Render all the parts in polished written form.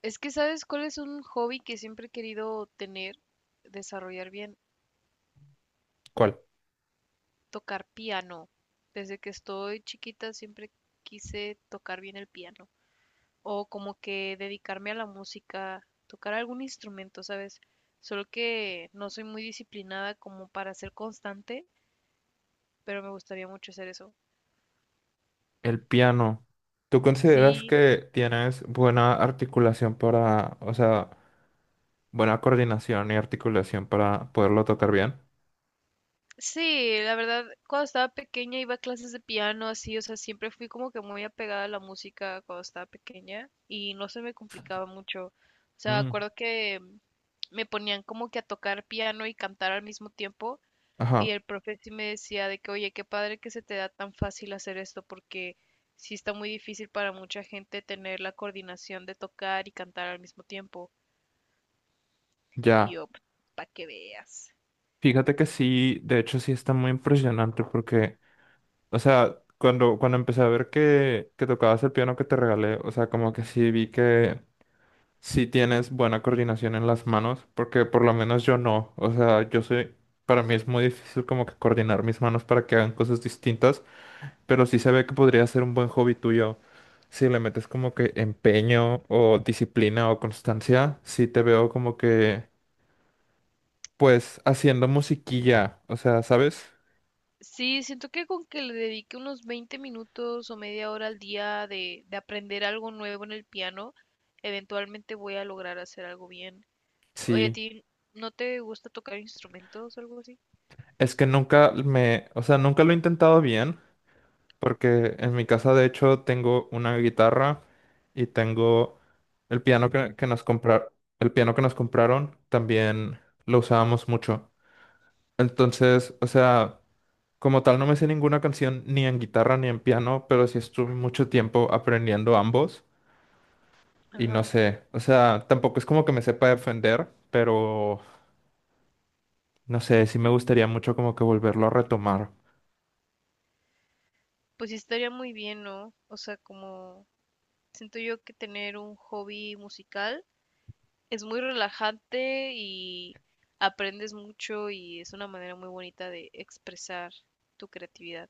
Es que, ¿sabes cuál es un hobby que siempre he querido tener, desarrollar bien? ¿Cuál? Tocar piano. Desde que estoy chiquita siempre quise tocar bien el piano. O como que dedicarme a la música, tocar algún instrumento, ¿sabes? Solo que no soy muy disciplinada como para ser constante, pero me gustaría mucho hacer eso. El piano. ¿Tú consideras Sí, que tienes buena articulación para, o sea, buena coordinación y articulación para poderlo tocar bien? sí, la verdad, cuando estaba pequeña iba a clases de piano, así, o sea, siempre fui como que muy apegada a la música cuando estaba pequeña y no se me complicaba mucho. O sea, me Mm, acuerdo que me ponían como que a tocar piano y cantar al mismo tiempo y Ajá, el profe sí me decía de que, oye, qué padre que se te da tan fácil hacer esto porque sí está muy difícil para mucha gente tener la coordinación de tocar y cantar al mismo tiempo. Y ya. yo, para que veas. Fíjate que sí, de hecho sí está muy impresionante porque, o sea, cuando empecé a ver que tocabas el piano que te regalé, o sea, como que sí vi que sí tienes buena coordinación en las manos, porque por lo menos yo no, o sea, yo soy, para mí es muy difícil como que coordinar mis manos para que hagan cosas distintas. Pero sí se ve que podría ser un buen hobby tuyo. Si le metes como que empeño o disciplina o constancia, sí te veo como que, pues, haciendo musiquilla. O sea, ¿sabes? Sí, siento que con que le dedique unos 20 minutos o media hora al día de aprender algo nuevo en el piano, eventualmente voy a lograr hacer algo bien. Oye, ¿a Sí. ti no te gusta tocar instrumentos o algo así? Es que nunca me, o sea, nunca lo he intentado bien, porque en mi casa de hecho tengo una guitarra y tengo el piano que nos comprar, el piano que nos compraron, también lo usábamos mucho. Entonces, o sea, como tal no me sé ninguna canción ni en guitarra ni en piano, pero sí estuve mucho tiempo aprendiendo ambos y no Ajá. sé, o sea, tampoco es como que me sepa defender, pero no sé, sí me gustaría mucho como que volverlo a retomar. Pues sí estaría muy bien, ¿no? O sea, como siento yo que tener un hobby musical es muy relajante y aprendes mucho y es una manera muy bonita de expresar tu creatividad.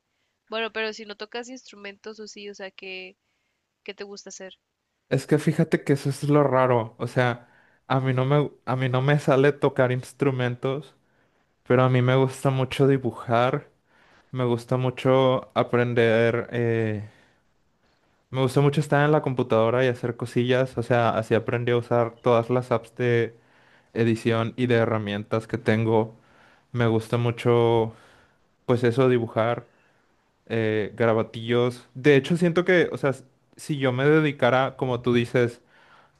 Bueno, pero si no tocas instrumentos o sí, o sea, que ¿qué te gusta hacer? Es que fíjate que eso es lo raro, o sea, a mí no me sale tocar instrumentos, pero a mí me gusta mucho dibujar, me gusta mucho aprender, me gustó mucho estar en la computadora y hacer cosillas, o sea, así aprendí a usar todas las apps de edición y de herramientas que tengo. Me gusta mucho, pues eso, dibujar, garabatillos. De hecho, siento que, o sea, si yo me dedicara, como tú dices,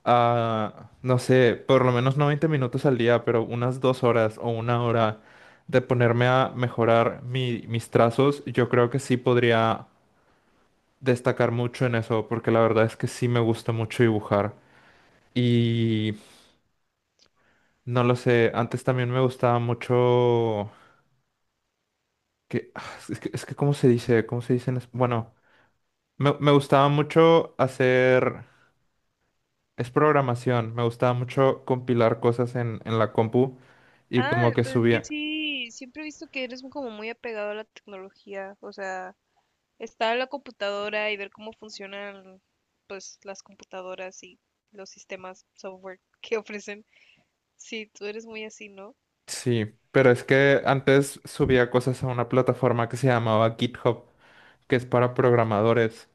a, no sé, por lo menos no 20 minutos al día, pero unas dos horas o una hora de ponerme a mejorar mis trazos, yo creo que sí podría destacar mucho en eso, porque la verdad es que sí me gusta mucho dibujar. Y no lo sé, antes también me gustaba mucho que ah, es que ¿cómo se dice? ¿Cómo se dice? Bueno, me gustaba mucho hacer es programación, me gustaba mucho compilar cosas en la compu y Ah, como que pero es que subía. sí, siempre he visto que eres como muy apegado a la tecnología, o sea, estar en la computadora y ver cómo funcionan, pues, las computadoras y los sistemas software que ofrecen. Sí, tú eres muy así, ¿no? Sí, pero es que antes subía cosas a una plataforma que se llamaba GitHub, que es para programadores.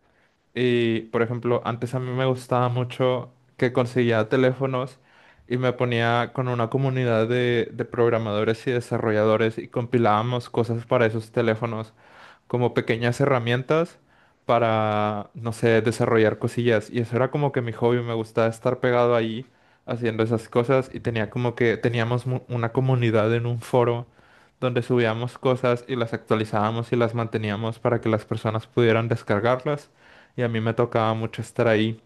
Y, por ejemplo, antes a mí me gustaba mucho que conseguía teléfonos y me ponía con una comunidad de programadores y desarrolladores y compilábamos cosas para esos teléfonos como pequeñas herramientas para, no sé, desarrollar cosillas. Y eso era como que mi hobby, me gustaba estar pegado ahí haciendo esas cosas y tenía como que teníamos una comunidad en un foro donde subíamos cosas y las actualizábamos y las manteníamos para que las personas pudieran descargarlas. Y a mí me tocaba mucho estar ahí.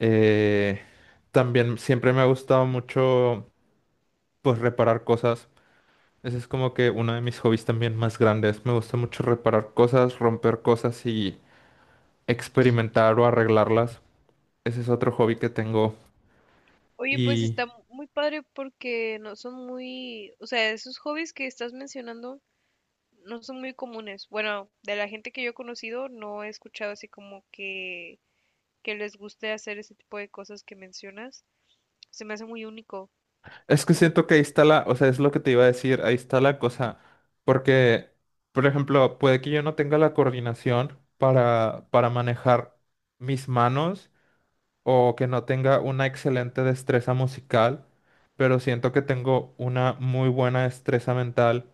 Eh, también siempre me ha gustado mucho, pues, reparar cosas. Ese es como que uno de mis hobbies también más grandes. Me gusta mucho reparar cosas, romper cosas y experimentar o arreglarlas. Ese es otro hobby que tengo. Oye, pues Y está muy padre porque no son muy, o sea, esos hobbies que estás mencionando no son muy comunes. Bueno, de la gente que yo he conocido no he escuchado así como que les guste hacer ese tipo de cosas que mencionas. Se me hace muy único. es que siento que ahí está la, o sea, es lo que te iba a decir, ahí está la cosa. Porque, por ejemplo, puede que yo no tenga la coordinación para manejar mis manos o que no tenga una excelente destreza musical, pero siento que tengo una muy buena destreza mental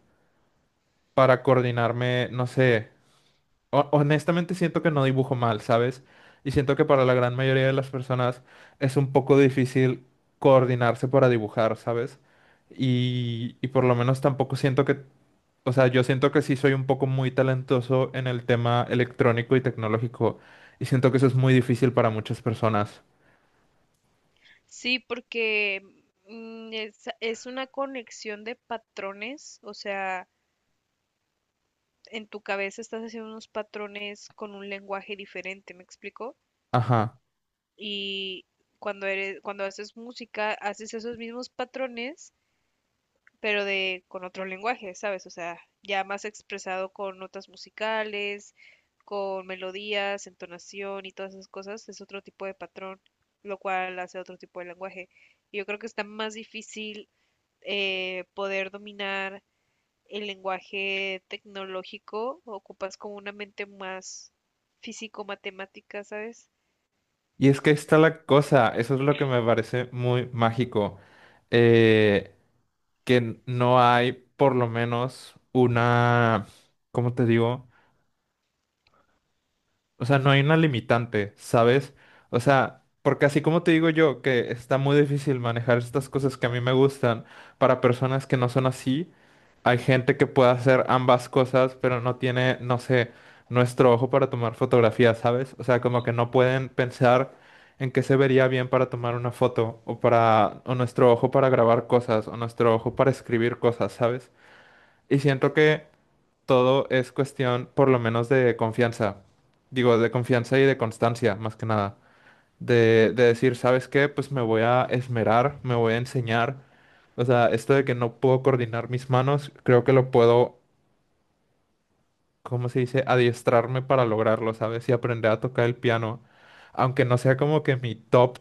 para coordinarme, no sé. Honestamente siento que no dibujo mal, ¿sabes? Y siento que para la gran mayoría de las personas es un poco difícil coordinarse para dibujar, ¿sabes? Y por lo menos tampoco siento que, o sea, yo siento que sí soy un poco muy talentoso en el tema electrónico y tecnológico. Y siento que eso es muy difícil para muchas personas. Sí, porque es una conexión de patrones, o sea, en tu cabeza estás haciendo unos patrones con un lenguaje diferente, ¿me explico? Ajá. Y cuando eres, cuando haces música, haces esos mismos patrones pero de con otro lenguaje, ¿sabes? O sea, ya más expresado con notas musicales, con melodías, entonación y todas esas cosas, es otro tipo de patrón, lo cual hace otro tipo de lenguaje. Y yo creo que está más difícil poder dominar el lenguaje tecnológico, ocupas como una mente más físico-matemática, ¿sabes? Y es que ahí está la cosa, eso es lo que me parece muy mágico, eh, que no hay por lo menos una, ¿cómo te digo? O sea, no hay una limitante, ¿sabes? O sea, porque así como te digo yo, que está muy difícil manejar estas cosas que a mí me gustan para personas que no son así, hay gente que puede hacer ambas cosas, pero no tiene, no sé, nuestro ojo para tomar fotografías, ¿sabes? O sea, como que no pueden pensar en qué se vería bien para tomar una foto, o para, o nuestro ojo para grabar cosas, o nuestro ojo para escribir cosas, ¿sabes? Y siento que todo es cuestión, por lo menos, de confianza. Digo, de confianza y de constancia, más que nada. De decir, ¿sabes qué? Pues me voy a esmerar, me voy a enseñar. O sea, esto de que no puedo coordinar mis manos, creo que lo puedo, ¿cómo se dice? Adiestrarme para lograrlo, ¿sabes? Y aprender a tocar el piano. Aunque no sea como que mi top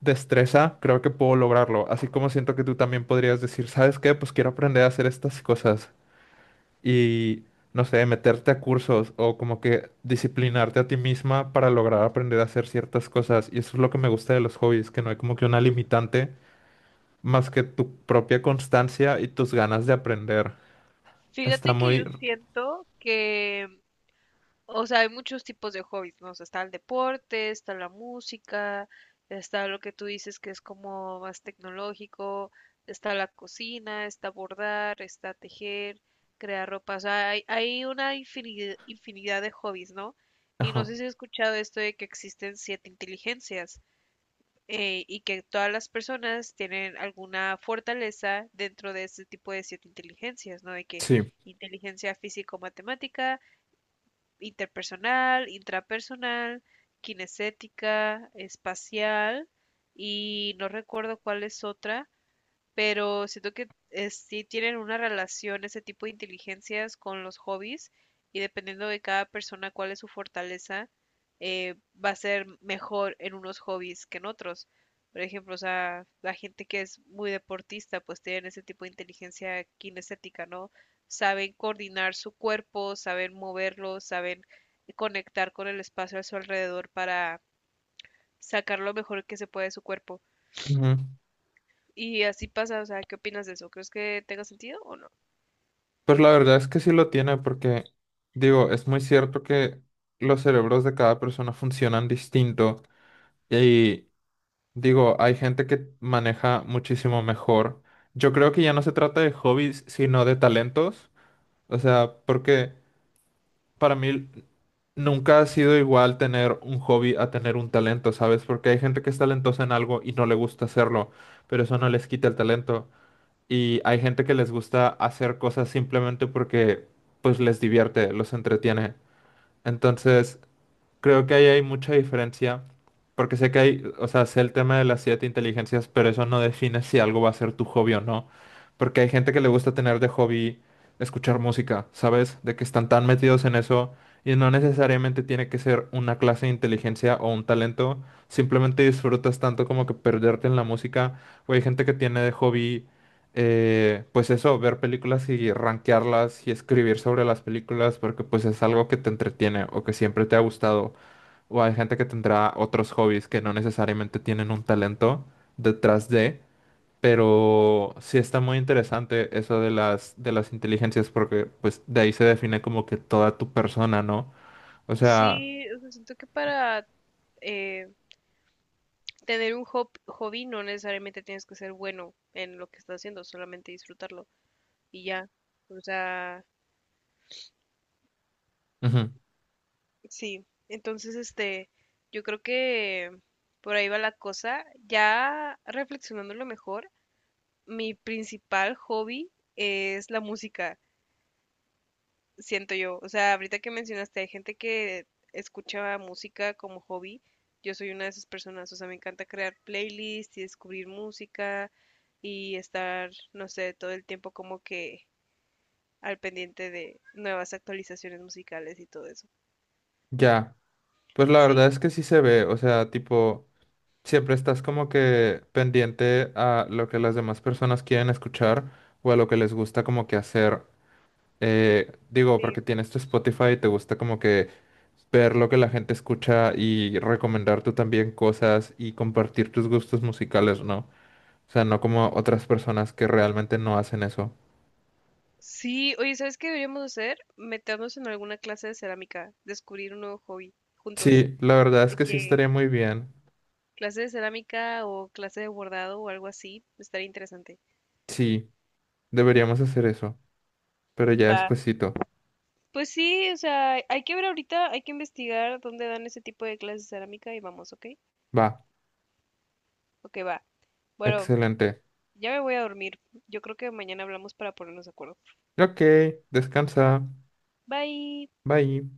destreza, creo que puedo lograrlo. Así como siento que tú también podrías decir, ¿sabes qué? Pues quiero aprender a hacer estas cosas y, no sé, meterte a cursos o como que disciplinarte a ti misma para lograr aprender a hacer ciertas cosas. Y eso es lo que me gusta de los hobbies, que no hay como que una limitante más que tu propia constancia y tus ganas de aprender. Está Fíjate que muy... yo siento que o sea, hay muchos tipos de hobbies, ¿no? O sea, está el deporte, está la música, está lo que tú dices que es como más tecnológico, está la cocina, está bordar, está tejer, crear ropa. O sea, hay una infinidad, infinidad de hobbies, ¿no? Y no Ajá. sé si has escuchado esto de que existen 7 inteligencias y que todas las personas tienen alguna fortaleza dentro de este tipo de 7 inteligencias, ¿no? De que Sí, inteligencia físico-matemática, interpersonal, intrapersonal, kinestética, espacial y no recuerdo cuál es otra, pero siento que sí tienen una relación ese tipo de inteligencias con los hobbies y dependiendo de cada persona cuál es su fortaleza, eh, va a ser mejor en unos hobbies que en otros. Por ejemplo, o sea, la gente que es muy deportista, pues tienen ese tipo de inteligencia kinestética, ¿no? Saben coordinar su cuerpo, saben moverlo, saben conectar con el espacio a su alrededor para sacar lo mejor que se puede de su cuerpo. ujú. Y así pasa, o sea, ¿qué opinas de eso? ¿Crees que tenga sentido o no? Pues la verdad es que sí lo tiene porque, digo, es muy cierto que los cerebros de cada persona funcionan distinto y digo, hay gente que maneja muchísimo mejor. Yo creo que ya no se trata de hobbies, sino de talentos. O sea, porque para mí nunca ha sido igual tener un hobby a tener un talento, ¿sabes? Porque hay gente que es talentosa en algo y no le gusta hacerlo, pero eso no les quita el talento. Y hay gente que les gusta hacer cosas simplemente porque pues les divierte, los entretiene. Entonces, creo que ahí hay mucha diferencia, porque sé que hay, o sea, sé el tema de las siete inteligencias, pero eso no define si algo va a ser tu hobby o no, porque hay gente que le gusta tener de hobby escuchar música, ¿sabes? De que están tan metidos en eso y no necesariamente tiene que ser una clase de inteligencia o un talento, simplemente disfrutas tanto como que perderte en la música, o hay gente que tiene de hobby, pues eso, ver películas y rankearlas y escribir sobre las películas, porque pues es algo que te entretiene o que siempre te ha gustado. O hay gente que tendrá otros hobbies que no necesariamente tienen un talento detrás de, pero sí está muy interesante eso de las inteligencias, porque pues de ahí se define como que toda tu persona, ¿no? O sea, Sí, o sea, siento que para eh, tener un hobby no necesariamente tienes que ser bueno en lo que estás haciendo, solamente disfrutarlo y ya. O sea, ujú, sí. Entonces, este, yo creo que por ahí va la cosa. Ya reflexionándolo mejor, mi principal hobby es la música. Siento yo. O sea, ahorita que mencionaste, hay gente que escucha música como hobby. Yo soy una de esas personas. O sea, me encanta crear playlists y descubrir música y estar, no sé, todo el tiempo como que al pendiente de nuevas actualizaciones musicales y todo eso. ya. Pues la verdad Sí, es que sí se ve, o sea, tipo, siempre estás como que pendiente a lo que las demás personas quieren escuchar o a lo que les gusta como que hacer. Digo, porque sí. tienes tu Spotify y te gusta como que ver lo que la gente escucha y recomendar tú también cosas y compartir tus gustos musicales, ¿no? O sea, no como otras personas que realmente no hacen eso. Sí, oye, ¿sabes qué deberíamos hacer? Meternos en alguna clase de cerámica, descubrir un nuevo hobby juntos, Sí, la verdad es de que sí que estaría muy bien. clase de cerámica o clase de bordado o algo así, estaría interesante. Sí, deberíamos hacer eso, pero ya Va, despuesito. pues sí, o sea, hay que ver ahorita, hay que investigar dónde dan ese tipo de clases de cerámica y vamos, ¿ok? Va, Ok, va. Bueno, excelente. ya me voy a dormir. Yo creo que mañana hablamos para ponernos de acuerdo. Ok, descansa. Bye. Bye.